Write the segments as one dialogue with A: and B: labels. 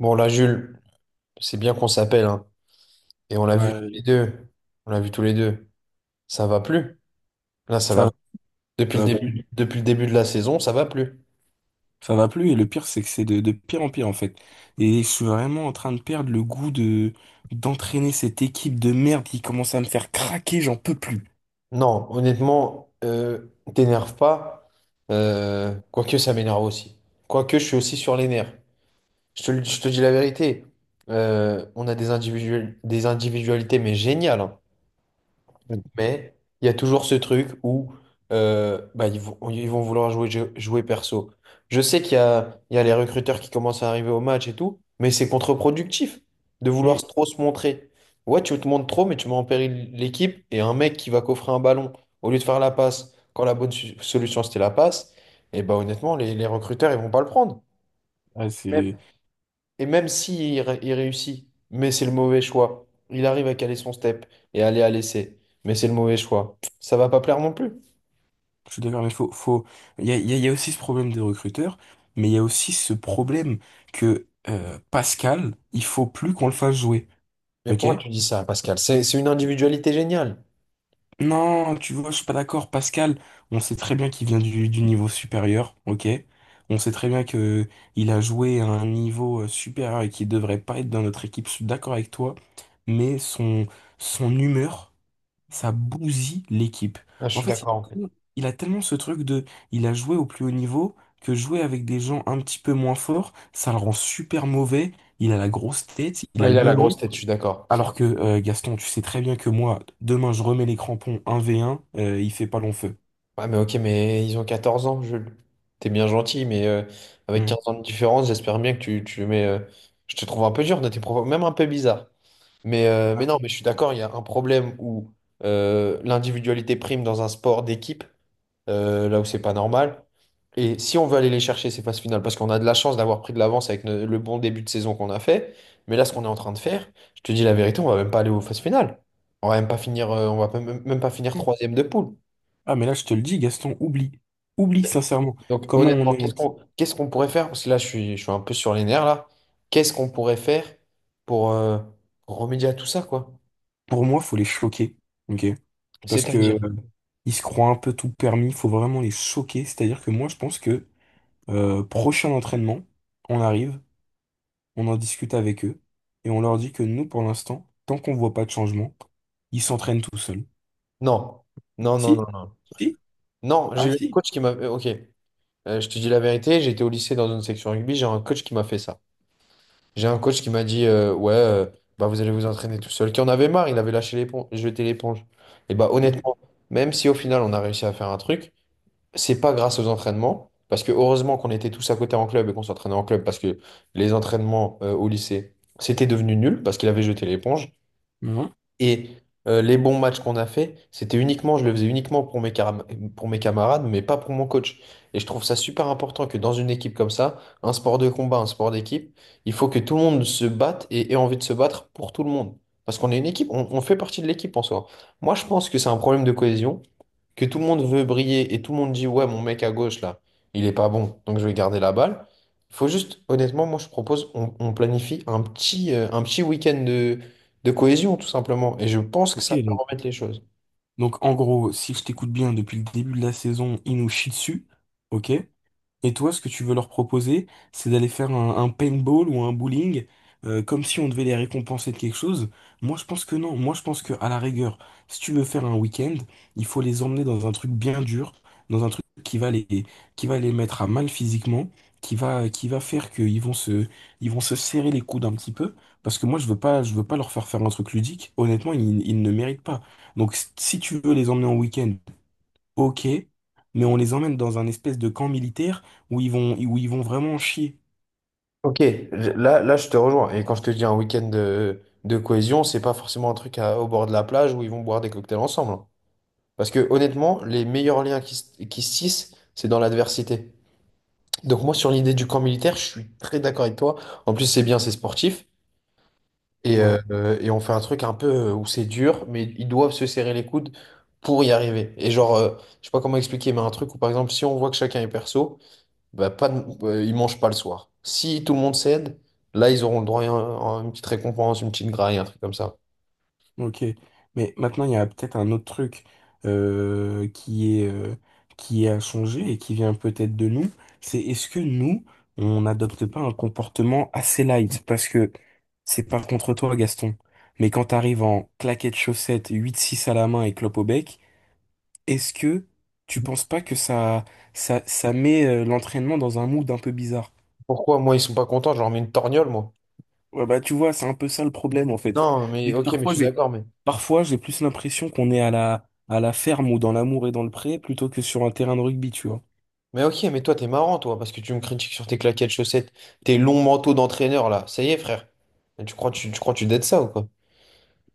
A: Bon, là, Jules, c'est bien qu'on s'appelle, hein. Et on l'a vu tous les
B: Ouais,
A: deux. On l'a vu tous les deux. Ça va plus. Là, ça va
B: ça,
A: plus. Depuis
B: ça
A: le
B: va plus,
A: début, depuis le début de la saison, ça va plus.
B: ça va plus, et le pire, c'est que c'est de pire en pire, en fait. Et je suis vraiment en train de perdre le goût d'entraîner cette équipe de merde qui commence à me faire craquer, j'en peux plus.
A: Non, honnêtement, t'énerve pas. Quoique, ça m'énerve aussi. Quoique, je suis aussi sur les nerfs. Je te dis la vérité. On a des individuels, des individualités, mais géniales, hein.
B: Ouais.
A: Mais il y a toujours ce truc où bah, ils vont vouloir jouer perso. Je sais qu'il y a les recruteurs qui commencent à arriver au match et tout, mais c'est contre-productif de vouloir
B: Mm.
A: trop se montrer. Ouais, tu te montres trop, mais tu mets en péril l'équipe et un mec qui va coffrer un ballon au lieu de faire la passe, quand la bonne solution c'était la passe, et bah honnêtement, les recruteurs ils vont pas le prendre.
B: Ouais, c'est,
A: Et même si il réussit, mais c'est le mauvais choix. Il arrive à caler son step et aller à l'essai, mais c'est le mauvais choix. Ça va pas plaire non plus.
B: je suis d'accord, mais faut, il y a aussi ce problème des recruteurs, mais il y a aussi ce problème que, Pascal, il faut plus qu'on le fasse jouer.
A: Mais
B: Ok?
A: pourquoi tu dis ça, Pascal? C'est une individualité géniale.
B: Non, tu vois, je suis pas d'accord, Pascal. On sait très bien qu'il vient du niveau supérieur, ok? On sait très bien que il a joué à un niveau supérieur et qu'il devrait pas être dans notre équipe. Je suis d'accord avec toi, mais son humeur, ça bousille l'équipe.
A: Ah, je
B: En
A: suis
B: fait, il
A: d'accord,
B: a,
A: en fait.
B: tellement Il a tellement ce truc il a joué au plus haut niveau, que jouer avec des gens un petit peu moins forts, ça le rend super mauvais. Il a la grosse tête, il a
A: Ouais,
B: le
A: il a la
B: melon.
A: grosse tête, je suis d'accord.
B: Alors que Gaston, tu sais très bien que moi, demain je remets les crampons 1 v 1. Il fait pas long feu.
A: Ouais, mais ok, mais ils ont 14 ans, Jules. T'es bien gentil, mais avec 15
B: Ouais.
A: ans de différence, j'espère bien que tu mets. Je te trouve un peu dur dans tes propos, même un peu bizarre. Mais non, mais je suis d'accord, il y a un problème où l'individualité prime dans un sport d'équipe, là où c'est pas normal. Et si on veut aller les chercher, ces phases finales, parce qu'on a de la chance d'avoir pris de l'avance avec le bon début de saison qu'on a fait, mais là, ce qu'on est en train de faire, je te dis la vérité, on va même pas aller aux phases finales. On va même pas finir, on va pas- même même pas finir
B: Ouais.
A: troisième de poule.
B: Ah mais là je te le dis, Gaston, oublie. Oublie sincèrement.
A: Donc
B: Comment on
A: honnêtement,
B: est en...
A: qu'est-ce qu'on pourrait faire? Parce que là, je suis un peu sur les nerfs là. Qu'est-ce qu'on pourrait faire pour, euh, pour remédier à tout ça, quoi?
B: Pour moi, faut les choquer. Ok? Parce que
A: C'est-à-dire.
B: euh, ils se croient un peu tout permis, faut vraiment les choquer. C'est-à-dire que moi je pense que prochain entraînement, on arrive, on en discute avec eux, et on leur dit que nous, pour l'instant, tant qu'on voit pas de changement, ils s'entraînent tout seuls.
A: Non, non, non, non,
B: Si?
A: non.
B: Si?
A: Non,
B: Ah
A: j'ai eu un
B: si?
A: coach qui m'a. Ok. Je te dis la vérité, j'étais au lycée dans une section rugby, j'ai un coach qui m'a fait ça. J'ai un coach qui m'a dit, ouais, bah vous allez vous entraîner tout seul, qui en avait marre, il avait lâché l'éponge, jeté l'éponge. Et bah
B: Mhm.
A: honnêtement, même si au final on a réussi à faire un truc, c'est pas grâce aux entraînements, parce que heureusement qu'on était tous à côté en club et qu'on s'entraînait en club, parce que les entraînements au lycée, c'était devenu nul, parce qu'il avait jeté l'éponge.
B: Mhm.
A: Et les bons matchs qu'on a fait, c'était uniquement, je le faisais uniquement pour mes camarades, mais pas pour mon coach. Et je trouve ça super important que dans une équipe comme ça, un sport de combat, un sport d'équipe, il faut que tout le monde se batte et ait envie de se battre pour tout le monde. Parce qu'on est une équipe, on fait partie de l'équipe en soi. Moi, je pense que c'est un problème de cohésion que tout le monde veut briller et tout le monde dit ouais, mon mec à gauche là, il est pas bon, donc je vais garder la balle. Il faut juste, honnêtement, moi je propose, on planifie un petit week-end de cohésion tout simplement. Et je pense que
B: Ok.
A: ça peut remettre les choses.
B: Donc en gros, si je t'écoute bien, depuis le début de la saison, il nous chie dessus, ok? Et toi, ce que tu veux leur proposer, c'est d'aller faire un paintball ou un bowling, comme si on devait les récompenser de quelque chose. Moi, je pense que non. Moi, je pense que, à la rigueur, si tu veux faire un week-end, il faut les emmener dans un truc bien dur, dans un truc qui va qui va les mettre à mal physiquement, qui va faire ils vont se serrer les coudes un petit peu. Parce que moi, je veux pas leur faire faire un truc ludique. Honnêtement, ils ne méritent pas. Donc, si tu veux les emmener en week-end, ok, mais on les emmène dans un espèce de camp militaire où ils vont vraiment chier.
A: Ok, là, je te rejoins. Et quand je te dis un week-end de cohésion, c'est pas forcément un truc au bord de la plage où ils vont boire des cocktails ensemble, hein. Parce que honnêtement, les meilleurs liens qui se tissent, c'est dans l'adversité. Donc moi sur l'idée du camp militaire, je suis très d'accord avec toi. En plus c'est bien, c'est sportif. Et,
B: Ouais,
A: euh, et on fait un truc un peu où c'est dur, mais ils doivent se serrer les coudes pour y arriver. Et genre, je sais pas comment expliquer, mais un truc où par exemple, si on voit que chacun est perso, bah, pas de- ils mangent pas le soir. Si tout le monde cède, là, ils auront le droit à une petite récompense, une petite graille, un truc comme ça.
B: ok. Mais maintenant, il y a peut-être un autre truc euh, qui est, euh, qui a changé et qui vient peut-être de nous. C'est est-ce que nous, on n'adopte pas un comportement assez light? Parce que c'est pas contre toi, Gaston. Mais quand t'arrives en claquettes chaussettes, 8-6 à la main et clope au bec, est-ce que tu penses pas que ça met l'entraînement dans un mood un peu bizarre?
A: Pourquoi, moi, ils sont pas contents, je leur mets une torgnole, moi.
B: Ouais, bah, tu vois, c'est un peu ça le problème, en fait.
A: Non, mais
B: Et
A: ok, mais je suis d'accord, mais.
B: parfois, j'ai plus l'impression qu'on est à à la ferme ou dans l'amour et dans le pré plutôt que sur un terrain de rugby, tu vois.
A: Mais ok, mais toi, t'es marrant, toi, parce que tu me critiques sur tes claquettes chaussettes, tes longs manteaux d'entraîneur, là. Ça y est, frère. Mais tu crois, tu crois, que tu dettes ça ou quoi?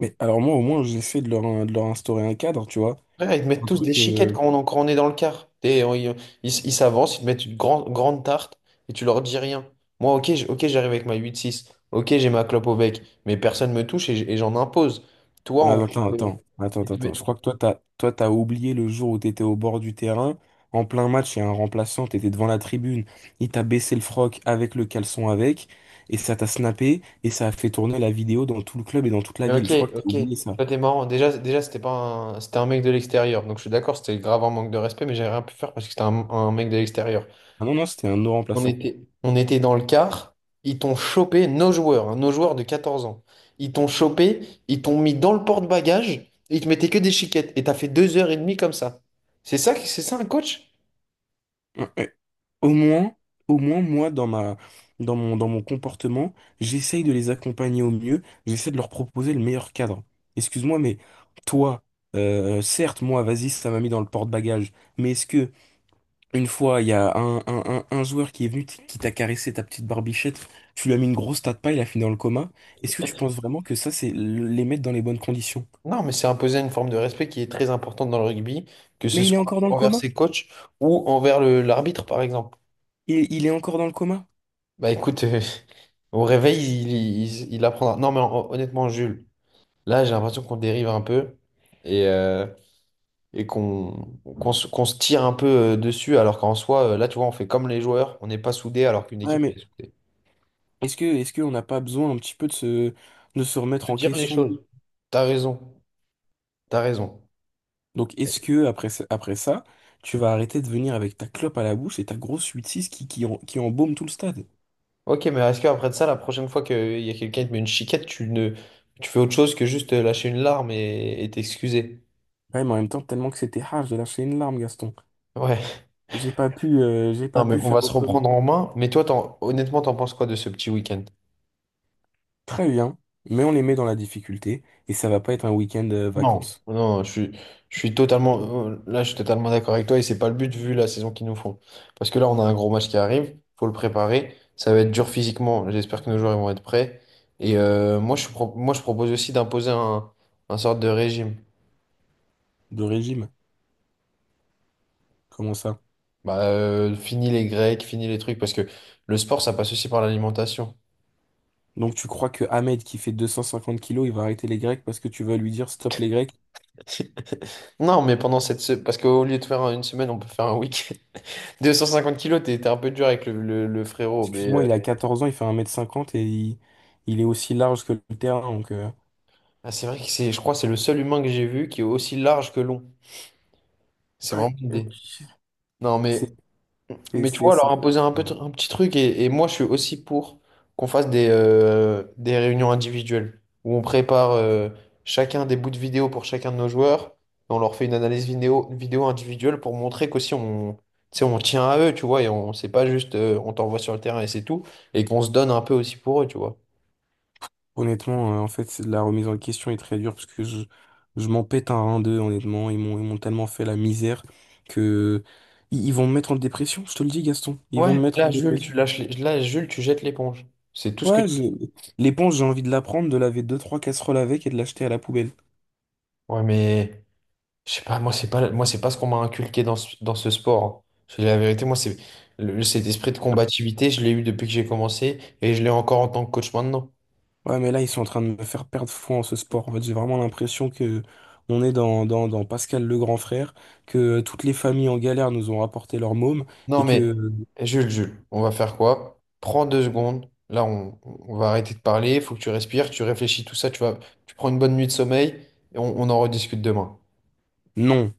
B: Mais alors, moi, au moins, j'essaie de de leur instaurer un cadre, tu vois.
A: Frère, ils te mettent
B: Un
A: tous des
B: truc,
A: chiquettes
B: euh...
A: quand on est dans le car. Ils ils s'avancent, ils te mettent une grande, grande tarte et tu leur dis rien. Moi, ok, j'arrive avec ma 8-6. Ok, j'ai ma clope au bec. Mais personne me touche et j'en impose. Toi,
B: ah,
A: en gros,
B: attends, attends, attends,
A: ils
B: attends,
A: te
B: attends. Je
A: mettent-
B: crois que toi, t'as oublié le jour où t'étais au bord du terrain. En plein match, il y a un remplaçant, t'étais devant la tribune. Il t'a baissé le froc, avec le caleçon avec. Et ça t'a snappé. Et ça a fait tourner la vidéo dans tout le club et dans toute la
A: Mais
B: ville. Je crois
A: ok,
B: que t'as
A: ok.
B: oublié ça.
A: Toi, t'es marrant. Déjà, c'était pas un, c'était un mec de l'extérieur. Donc, je suis d'accord, c'était grave un manque de respect, mais j'ai rien pu faire parce que c'était un mec de l'extérieur.
B: Ah non, non, c'était un no
A: On
B: remplaçant.
A: était, on était dans le car, nos joueurs, hein, nos joueurs de 14 ans, ils t'ont chopé, ils t'ont mis dans le porte-bagages, et ils te mettaient que des chiquettes, et t'as fait 2 heures et demie comme ça. C'est ça, c'est ça un coach?
B: Ouais, ouais. Au moins, Au moins, moi, dans dans mon comportement, j'essaye de les accompagner au mieux, j'essaie de leur proposer le meilleur cadre. Excuse-moi, mais toi, certes, moi, vas-y, ça m'a mis dans le porte-bagages, mais une fois, il y a un joueur qui est venu, qui t'a caressé ta petite barbichette, tu lui as mis une grosse tas de paille, il a fini dans le coma, est-ce que tu penses vraiment que ça, c'est les mettre dans les bonnes conditions?
A: Non, mais c'est imposer une forme de respect qui est très importante dans le rugby, que ce
B: Mais il est
A: soit
B: encore dans le
A: envers
B: coma?
A: ses coachs ou envers l'arbitre, par exemple.
B: Il est encore dans le coma?
A: Bah écoute, au réveil, il apprendra. Non, mais honnêtement, Jules, là, j'ai l'impression qu'on dérive un peu, et... euh, et qu'on se tire un peu dessus, alors qu'en soi, là, tu vois, on fait comme les joueurs, on n'est pas soudés alors qu'une
B: Ouais,
A: équipe
B: mais
A: elle est soudée.
B: est-ce que, est-ce qu'on n'a pas besoin un petit peu de de se
A: Se
B: remettre en
A: dire les
B: question?
A: choses. T'as raison, t'as raison.
B: Donc, est-ce que après, après ça, tu vas arrêter de venir avec ta clope à la bouche et ta grosse 8-6 qui embaume tout le stade?
A: Ok, mais est-ce qu'après de ça, la prochaine fois qu'il y a quelqu'un qui te met une chiquette, tu ne, tu fais autre chose que juste lâcher une larme et t'excuser?
B: Ouais, mais en même temps, tellement que c'était hard, j'ai lâché une larme, Gaston.
A: Ouais,
B: J'ai
A: non,
B: pas
A: mais
B: pu
A: on va
B: faire
A: se
B: autrement.
A: reprendre en main. Mais toi, honnêtement, t'en penses quoi de ce petit week-end?
B: Très bien, mais on les met dans la difficulté et ça va pas être un week-end
A: Non.
B: vacances
A: Non, je suis totalement, là, je suis totalement d'accord avec toi et c'est pas le but vu la saison qu'ils nous font. Parce que là, on a un gros match qui arrive, faut le préparer. Ça va être dur physiquement. J'espère que nos joueurs ils vont être prêts. Et moi, je propose aussi d'imposer un sorte de régime.
B: de régime. Comment ça?
A: Bah, fini les grecs, fini les trucs, parce que le sport, ça passe aussi par l'alimentation.
B: Donc, tu crois que Ahmed qui fait 250 kilos, il va arrêter les Grecs parce que tu vas lui dire stop les Grecs?
A: Non, mais parce qu'au lieu de faire une semaine, on peut faire un week-end. 250 kilos, t'es un peu dur avec le frérot, mais.
B: Excuse-moi, il a 14 ans, il fait 1 mètre 50 et il est aussi large que le terrain. Donc,
A: Ah, c'est vrai que c'est, je crois, que c'est le seul humain que j'ai vu qui est aussi large que long. C'est
B: ouais,
A: vraiment une
B: euh,
A: idée. Non, mais,
B: c'est, c'est,
A: mais tu
B: c'est-
A: vois, leur
B: c'est-
A: imposer un peu, un petit truc, et moi, je suis aussi pour qu'on fasse des réunions individuelles où on prépare chacun des bouts de vidéo pour chacun de nos joueurs, et on leur fait une analyse vidéo, vidéo individuelle pour montrer qu'aussi on, tu sais, on tient à eux, tu vois, et on, c'est pas juste on t'envoie sur le terrain et c'est tout, et qu'on se donne un peu aussi pour eux, tu vois.
B: honnêtement, la remise en question est très dure parce que je m'en pète un 1 d'eux, honnêtement. Ils m'ont tellement fait la misère que ils vont me mettre en dépression, je te le dis, Gaston. Ils vont
A: Ouais,
B: me
A: mais
B: mettre en
A: là, Jules, tu
B: dépression.
A: lâches les- là, Jules, tu jettes l'éponge. C'est tout ce que
B: Ouais, je-
A: tu...
B: L'éponge, j'ai envie de la prendre, de laver 2 3 casseroles avec et de l'acheter à la poubelle.
A: Ouais, mais. Je sais pas, moi c'est pas ce qu'on m'a inculqué dans ce sport, hein. Je te dis la vérité, moi c'est cet esprit de combativité, je l'ai eu depuis que j'ai commencé et je l'ai encore en tant que coach maintenant.
B: Ouais, mais là, ils sont en train de me faire perdre foi en ce sport. En fait, j'ai vraiment l'impression que on est dans, dans Pascal le grand frère, que toutes les familles en galère nous ont rapporté leur môme,
A: Non
B: et
A: mais
B: que
A: Jules, Jules, on va faire quoi? Prends 2 secondes. Là, on va arrêter de parler, il faut que tu respires, tu réfléchis, tout ça, tu vas, tu prends une bonne nuit de sommeil et on en rediscute demain.
B: non.